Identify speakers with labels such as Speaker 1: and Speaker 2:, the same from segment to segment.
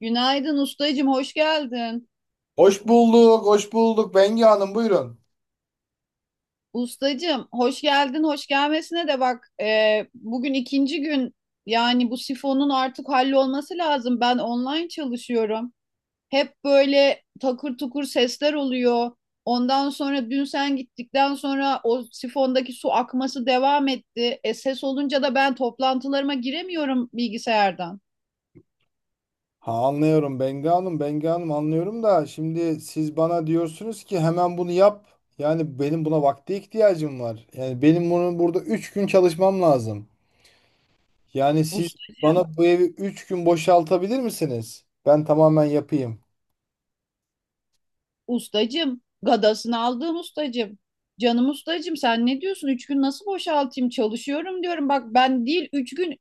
Speaker 1: Günaydın ustacım, hoş geldin.
Speaker 2: Hoş bulduk, hoş bulduk. Bengi Hanım buyurun.
Speaker 1: Ustacım, hoş geldin, hoş gelmesine de bak. Bugün ikinci gün yani bu sifonun artık hallolması lazım. Ben online çalışıyorum. Hep böyle takır tukur sesler oluyor. Ondan sonra dün sen gittikten sonra o sifondaki su akması devam etti. Ses olunca da ben toplantılarıma giremiyorum bilgisayardan.
Speaker 2: Ha, anlıyorum Bengi Hanım anlıyorum da şimdi siz bana diyorsunuz ki hemen bunu yap. Yani benim buna vakte ihtiyacım var. Yani benim bunu burada 3 gün çalışmam lazım. Yani siz bana bu evi 3 gün boşaltabilir misiniz? Ben tamamen yapayım.
Speaker 1: Ustacım, gadasını aldığım ustacım. Canım ustacım sen ne diyorsun? Üç gün nasıl boşaltayım? Çalışıyorum diyorum. Bak ben değil 3 gün,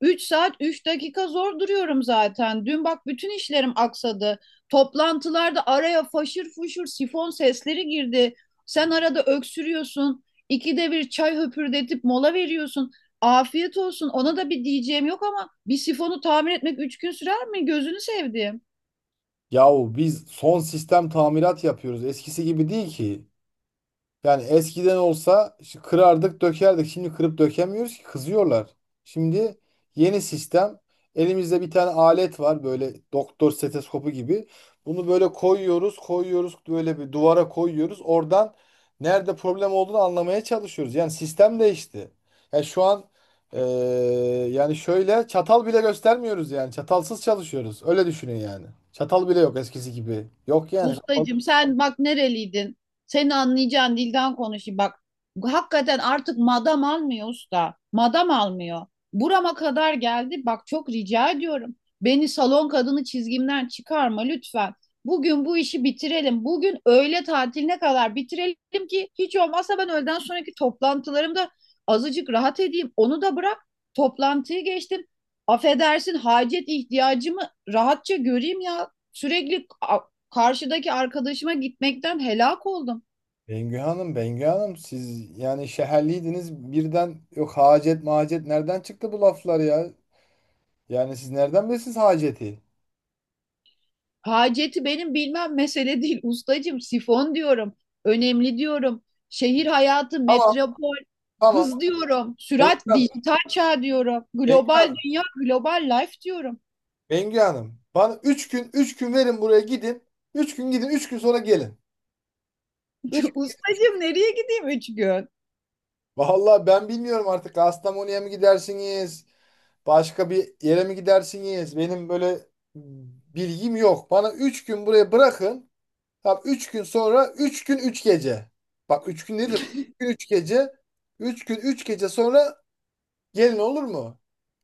Speaker 1: 3 saat, 3 dakika zor duruyorum zaten. Dün bak bütün işlerim aksadı. Toplantılarda araya faşır fuşur sifon sesleri girdi. Sen arada öksürüyorsun. İkide bir çay höpürdetip mola veriyorsun. Afiyet olsun. Ona da bir diyeceğim yok ama bir sifonu tamir etmek 3 gün sürer mi? Gözünü sevdiğim.
Speaker 2: Yahu biz son sistem tamirat yapıyoruz. Eskisi gibi değil ki. Yani eskiden olsa şu kırardık, dökerdik. Şimdi kırıp dökemiyoruz ki kızıyorlar. Şimdi yeni sistem. Elimizde bir tane alet var böyle doktor stetoskopu gibi. Bunu böyle koyuyoruz, böyle bir duvara koyuyoruz. Oradan nerede problem olduğunu anlamaya çalışıyoruz. Yani sistem değişti. Yani şu an eee, yani şöyle çatal bile göstermiyoruz yani. Çatalsız çalışıyoruz. Öyle düşünün yani. Çatal bile yok eskisi gibi. Yok yani
Speaker 1: Ustacığım sen bak nereliydin? Seni anlayacağın dilden konuşayım bak. Hakikaten artık madam almıyor usta. Madam almıyor. Burama kadar geldi. Bak çok rica ediyorum. Beni salon kadını çizgimden çıkarma lütfen. Bugün bu işi bitirelim. Bugün öğle tatiline kadar bitirelim ki hiç olmazsa ben öğleden sonraki toplantılarımda azıcık rahat edeyim. Onu da bırak. Toplantıyı geçtim. Affedersin hacet ihtiyacımı rahatça göreyim ya. Sürekli karşıdaki arkadaşıma gitmekten helak oldum.
Speaker 2: Bengü Hanım siz yani şehirliydiniz birden yok hacet macet nereden çıktı bu laflar ya? Yani siz nereden bilirsiniz haceti?
Speaker 1: Haceti benim bilmem mesele değil. Ustacığım sifon diyorum. Önemli diyorum. Şehir hayatı,
Speaker 2: Tamam
Speaker 1: metropol,
Speaker 2: tamam
Speaker 1: hız diyorum.
Speaker 2: Bengü
Speaker 1: Sürat,
Speaker 2: Hanım,
Speaker 1: dijital çağ diyorum.
Speaker 2: Bengü
Speaker 1: Global
Speaker 2: Hanım,
Speaker 1: dünya, global life diyorum.
Speaker 2: Bengü Hanım. Bana 3 gün 3 gün verin buraya gidin. Üç gün gidin 3 gün sonra gelin. 3.
Speaker 1: Ustacığım nereye gideyim 3 gün?
Speaker 2: Vallahi ben bilmiyorum artık Kastamonu'ya mı gidersiniz? Başka bir yere mi gidersiniz? Benim böyle bilgim yok. Bana 3 gün buraya bırakın. Tamam 3 gün sonra 3 gün 3 gece. Bak 3 gün değil de 3 gün 3 gece. Üç gün 3 gece sonra gelin olur mu?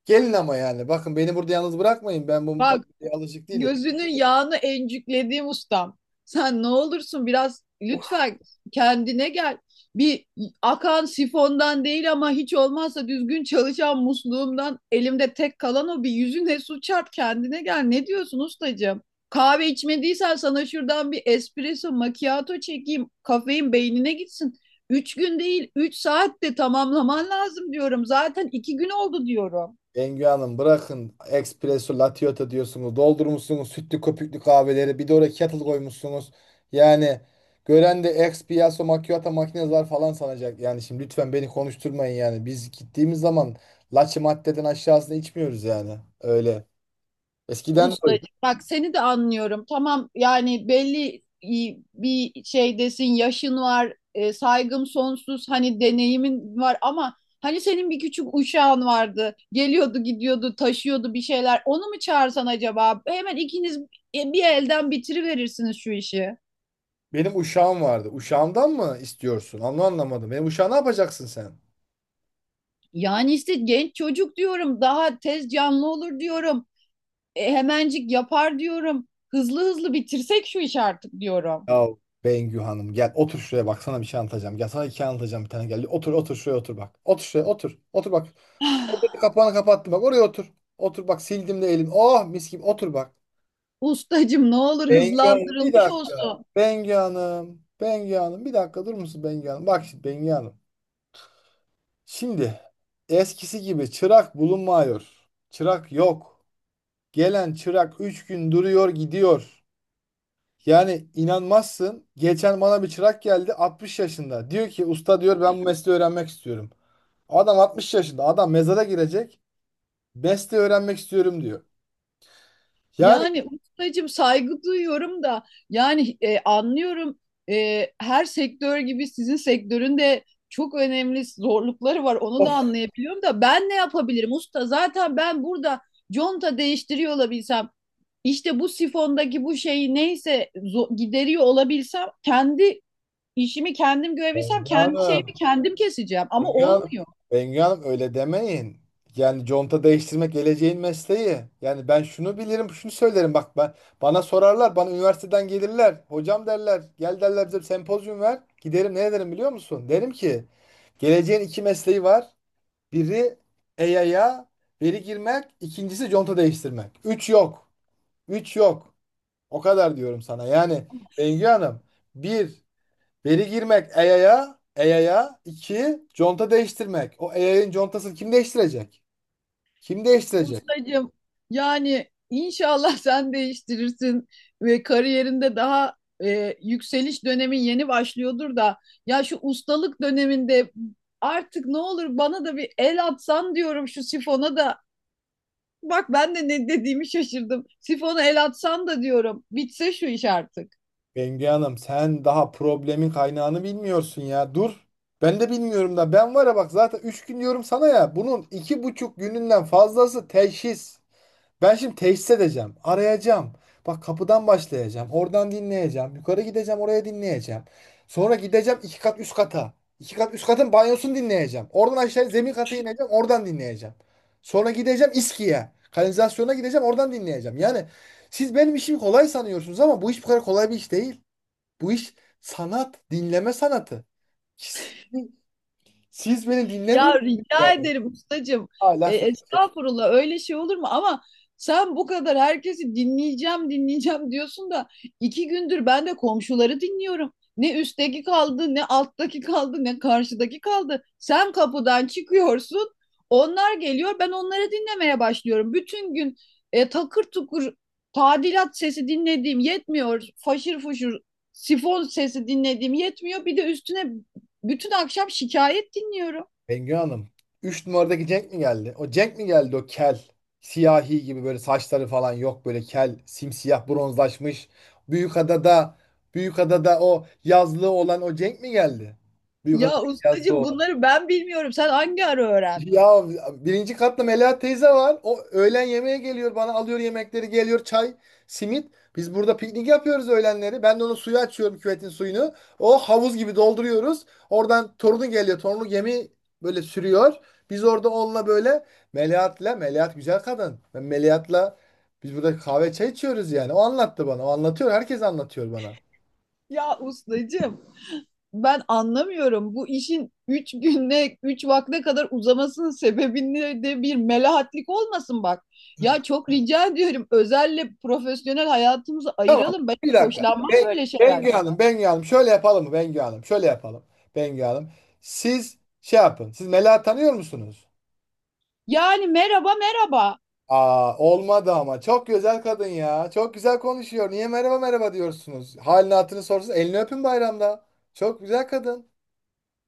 Speaker 2: Gelin ama yani. Bakın beni burada yalnız bırakmayın. Ben bu
Speaker 1: Bak
Speaker 2: maddeye alışık değilim.
Speaker 1: gözünün yağını encüklediğim ustam. Sen ne olursun biraz lütfen kendine gel. Bir akan sifondan değil ama hiç olmazsa düzgün çalışan musluğumdan elimde tek kalan o bir yüzüne su çarp kendine gel. Ne diyorsun ustacığım? Kahve içmediysen sana şuradan bir espresso macchiato çekeyim. Kafein beynine gitsin. 3 gün değil, 3 saatte tamamlaman lazım diyorum. Zaten 2 gün oldu diyorum.
Speaker 2: Bengü Hanım bırakın. Espresso, latte diyorsunuz. Doldurmuşsunuz sütlü köpüklü kahveleri. Bir de oraya kettle koymuşsunuz. Yani gören de espresso macchiato makineler falan sanacak. Yani şimdi lütfen beni konuşturmayın yani. Biz gittiğimiz zaman laçı maddeden aşağısını içmiyoruz yani. Öyle. Eskiden de o.
Speaker 1: Ustacığım bak seni de anlıyorum. Tamam yani belli bir şeydesin, yaşın var, saygım sonsuz, hani deneyimin var ama hani senin bir küçük uşağın vardı. Geliyordu, gidiyordu, taşıyordu bir şeyler. Onu mu çağırsan acaba? Hemen ikiniz bir elden bitiriverirsiniz şu işi.
Speaker 2: Benim uşağım vardı. Uşağımdan mı istiyorsun? Onu anlamadım. Benim uşağı ne yapacaksın sen?
Speaker 1: Yani işte genç çocuk diyorum, daha tez canlı olur diyorum. Hemencik yapar diyorum. Hızlı hızlı bitirsek şu işi artık diyorum.
Speaker 2: Ya Bengü Hanım gel otur şuraya bak sana bir şey anlatacağım. Gel sana hikaye anlatacağım bir tane gel. Otur otur şuraya otur bak. Otur şuraya otur. Otur bak. Otur, kapağını kapattım bak oraya otur. Otur bak sildim de elim. Oh mis gibi otur bak.
Speaker 1: Ustacım ne olur
Speaker 2: Bengü Hanım bir
Speaker 1: hızlandırılmış
Speaker 2: dakika.
Speaker 1: olsun.
Speaker 2: Bengü Hanım. Bengü Hanım bir dakika durur musun Bengü Hanım? Bak şimdi Bengü Hanım. Şimdi eskisi gibi çırak bulunmuyor. Çırak yok. Gelen çırak 3 gün duruyor gidiyor. Yani inanmazsın. Geçen bana bir çırak geldi 60 yaşında. Diyor ki usta diyor ben bu mesleği öğrenmek istiyorum. Adam 60 yaşında. Adam mezara girecek. Mesleği öğrenmek istiyorum diyor. Yani
Speaker 1: Yani ustacım saygı duyuyorum da yani anlıyorum, her sektör gibi sizin sektörün de çok önemli zorlukları var. Onu da
Speaker 2: oh,
Speaker 1: anlayabiliyorum da ben ne yapabilirim usta? Zaten ben burada conta değiştiriyor olabilsem işte bu sifondaki bu şeyi neyse gideriyor olabilsem kendi İşimi kendim görebilsem
Speaker 2: Bengi
Speaker 1: kendi
Speaker 2: Hanım,
Speaker 1: şeyimi kendim keseceğim ama
Speaker 2: Bengi Hanım,
Speaker 1: olmuyor.
Speaker 2: Bengi Hanım öyle demeyin. Yani conta değiştirmek geleceğin mesleği. Yani ben şunu bilirim, şunu söylerim. Bak ben bana sorarlar, bana üniversiteden gelirler. Hocam derler, gel derler bize bir sempozyum ver. Giderim ne ederim biliyor musun? Derim ki geleceğin iki mesleği var. Biri EYA'ya veri girmek, ikincisi conta değiştirmek. Üç yok. Üç yok. O kadar diyorum sana. Yani Bengü Hanım, bir veri girmek EYA'ya, İki conta değiştirmek. O EYA'nın contasını kim değiştirecek? Kim değiştirecek?
Speaker 1: Ustacığım yani inşallah sen değiştirirsin ve kariyerinde daha yükseliş dönemin yeni başlıyordur da ya şu ustalık döneminde artık ne olur bana da bir el atsan diyorum şu sifona da. Bak ben de ne dediğimi şaşırdım. Sifona el atsan da diyorum. Bitse şu iş artık.
Speaker 2: Bengü Hanım, sen daha problemin kaynağını bilmiyorsun ya. Dur. Ben de bilmiyorum da ben var ya bak zaten 3 gün diyorum sana ya. Bunun 2,5 gününden fazlası teşhis. Ben şimdi teşhis edeceğim, arayacağım. Bak kapıdan başlayacağım, oradan dinleyeceğim, yukarı gideceğim, oraya dinleyeceğim. Sonra gideceğim iki kat üst kata. İki kat üst katın banyosunu dinleyeceğim. Oradan aşağı zemin kata ineceğim, oradan dinleyeceğim. Sonra gideceğim İSKİ'ye, kanalizasyona gideceğim, oradan dinleyeceğim. Yani siz benim işimi kolay sanıyorsunuz ama bu iş bu kadar kolay bir iş değil. Bu iş sanat, dinleme sanatı. Siz, siz beni
Speaker 1: Ya
Speaker 2: dinlemiyorsunuz
Speaker 1: rica
Speaker 2: yani.
Speaker 1: ederim ustacığım.
Speaker 2: Hala
Speaker 1: E,
Speaker 2: söylüyorum.
Speaker 1: estağfurullah öyle şey olur mu? Ama sen bu kadar herkesi dinleyeceğim dinleyeceğim diyorsun da iki gündür ben de komşuları dinliyorum. Ne üstteki kaldı, ne alttaki kaldı, ne karşıdaki kaldı. Sen kapıdan çıkıyorsun, onlar geliyor, ben onları dinlemeye başlıyorum. Bütün gün takır tukur tadilat sesi dinlediğim yetmiyor, faşır fuşur sifon sesi dinlediğim yetmiyor. Bir de üstüne bütün akşam şikayet dinliyorum.
Speaker 2: Bengü Hanım. 3 numaradaki Cenk mi geldi? O Cenk mi geldi o kel? Siyahi gibi böyle saçları falan yok böyle kel, simsiyah, bronzlaşmış. Büyükada'da Büyükada'da o yazlığı olan o Cenk mi geldi? Büyükada'da
Speaker 1: Ya
Speaker 2: yazlığı
Speaker 1: ustacığım
Speaker 2: olan.
Speaker 1: bunları ben bilmiyorum. Sen hangi ara öğrendin?
Speaker 2: Ya birinci katta Melahat teyze var. O öğlen yemeğe geliyor bana alıyor yemekleri geliyor çay, simit. Biz burada piknik yapıyoruz öğlenleri. Ben de onu suyu açıyorum küvetin suyunu. O havuz gibi dolduruyoruz. Oradan torunu geliyor. Torunu gemi böyle sürüyor. Biz orada onunla böyle Melahat'la Melahat güzel kadın. Ben Melahat'la Biz burada kahve çay içiyoruz yani. O anlattı bana. O anlatıyor. Herkes anlatıyor bana.
Speaker 1: Ya ustacığım ben anlamıyorum. Bu işin üç günde, üç vakte kadar uzamasının sebebinde de bir melahatlik olmasın bak. Ya çok rica ediyorum özelle profesyonel hayatımızı
Speaker 2: Tamam.
Speaker 1: ayıralım. Ben
Speaker 2: Bir
Speaker 1: hiç
Speaker 2: dakika.
Speaker 1: hoşlanmam böyle
Speaker 2: Bengü
Speaker 1: şeylerden.
Speaker 2: Hanım, Bengü Hanım. Şöyle yapalım mı Bengü Hanım? Şöyle yapalım. Bengü Hanım. Siz şey yapın. Siz Mela tanıyor musunuz?
Speaker 1: Yani merhaba merhaba.
Speaker 2: Aa, olmadı ama. Çok güzel kadın ya. Çok güzel konuşuyor. Niye merhaba merhaba diyorsunuz? Halini hatırını sorsanız elini öpün bayramda. Çok güzel kadın.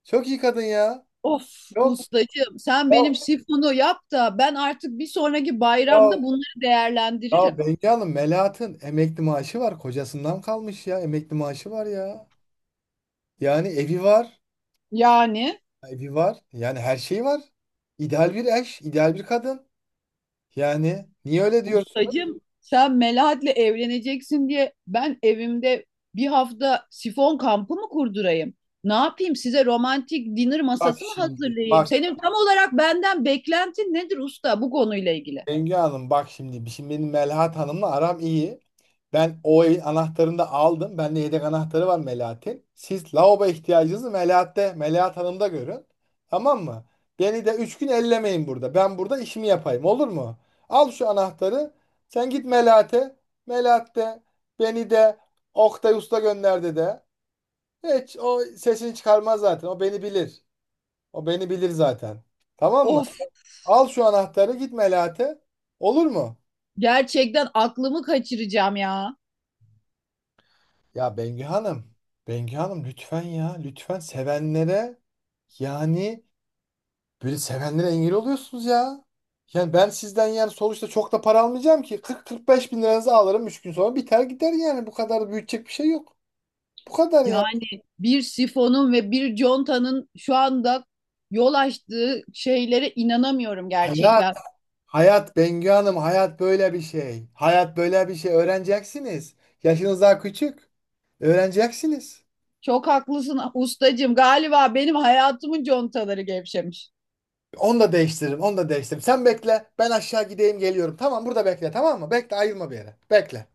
Speaker 2: Çok iyi kadın ya.
Speaker 1: Of
Speaker 2: Çok.
Speaker 1: ustacığım sen
Speaker 2: Ya,
Speaker 1: benim sifonu yap da ben artık bir sonraki
Speaker 2: ya,
Speaker 1: bayramda bunları
Speaker 2: ya
Speaker 1: değerlendiririm.
Speaker 2: Bengü Hanım Melahat'ın emekli maaşı var. Kocasından kalmış ya. Emekli maaşı var ya. Yani evi var.
Speaker 1: Yani
Speaker 2: Evi var. Yani her şeyi var. İdeal bir eş, ideal bir kadın. Yani niye öyle diyorsunuz?
Speaker 1: ustacım sen Melahat'le evleneceksin diye ben evimde bir hafta sifon kampı mı kurdurayım? Ne yapayım size romantik dinner
Speaker 2: Bak
Speaker 1: masası mı
Speaker 2: şimdi.
Speaker 1: hazırlayayım?
Speaker 2: Bak
Speaker 1: Senin tam olarak benden beklentin nedir usta bu konuyla ilgili?
Speaker 2: Bengü Hanım bak şimdi. Şimdi benim Melahat Hanım'la aram iyi. Ben o evin anahtarını da aldım. Bende yedek anahtarı var Melahat'in. Siz lavabo ihtiyacınızı Melahat'te, Melahat Hanım'da görün. Tamam mı? Beni de 3 gün ellemeyin burada. Ben burada işimi yapayım. Olur mu? Al şu anahtarı. Sen git Melahat'e. Melahat beni de Oktay Usta gönderdi de. Hiç o sesini çıkarmaz zaten. O beni bilir. O beni bilir zaten. Tamam mı?
Speaker 1: Of,
Speaker 2: Al şu anahtarı git Melahat'e. Olur mu?
Speaker 1: gerçekten aklımı kaçıracağım ya.
Speaker 2: Ya Bengü Hanım. Bengü Hanım lütfen ya. Lütfen sevenlere yani böyle sevenlere engel oluyorsunuz ya. Yani ben sizden yani sonuçta çok da para almayacağım ki. 40-45 bin liranızı alırım. 3 gün sonra biter gider yani. Bu kadar büyütecek bir şey yok. Bu kadar ya.
Speaker 1: Yani bir sifonun ve bir contanın şu anda yol açtığı şeylere inanamıyorum
Speaker 2: Hayır.
Speaker 1: gerçekten.
Speaker 2: Hayat Bengü Hanım, hayat böyle bir şey. Hayat böyle bir şey. Öğreneceksiniz. Yaşınız daha küçük. Öğreneceksiniz.
Speaker 1: Çok haklısın ustacığım. Galiba benim hayatımın contaları gevşemiş.
Speaker 2: Onu da değiştiririm, onu da değiştiririm. Sen bekle, ben aşağı gideyim geliyorum. Tamam, burada bekle, tamam mı? Bekle, ayrılma bir yere. Bekle.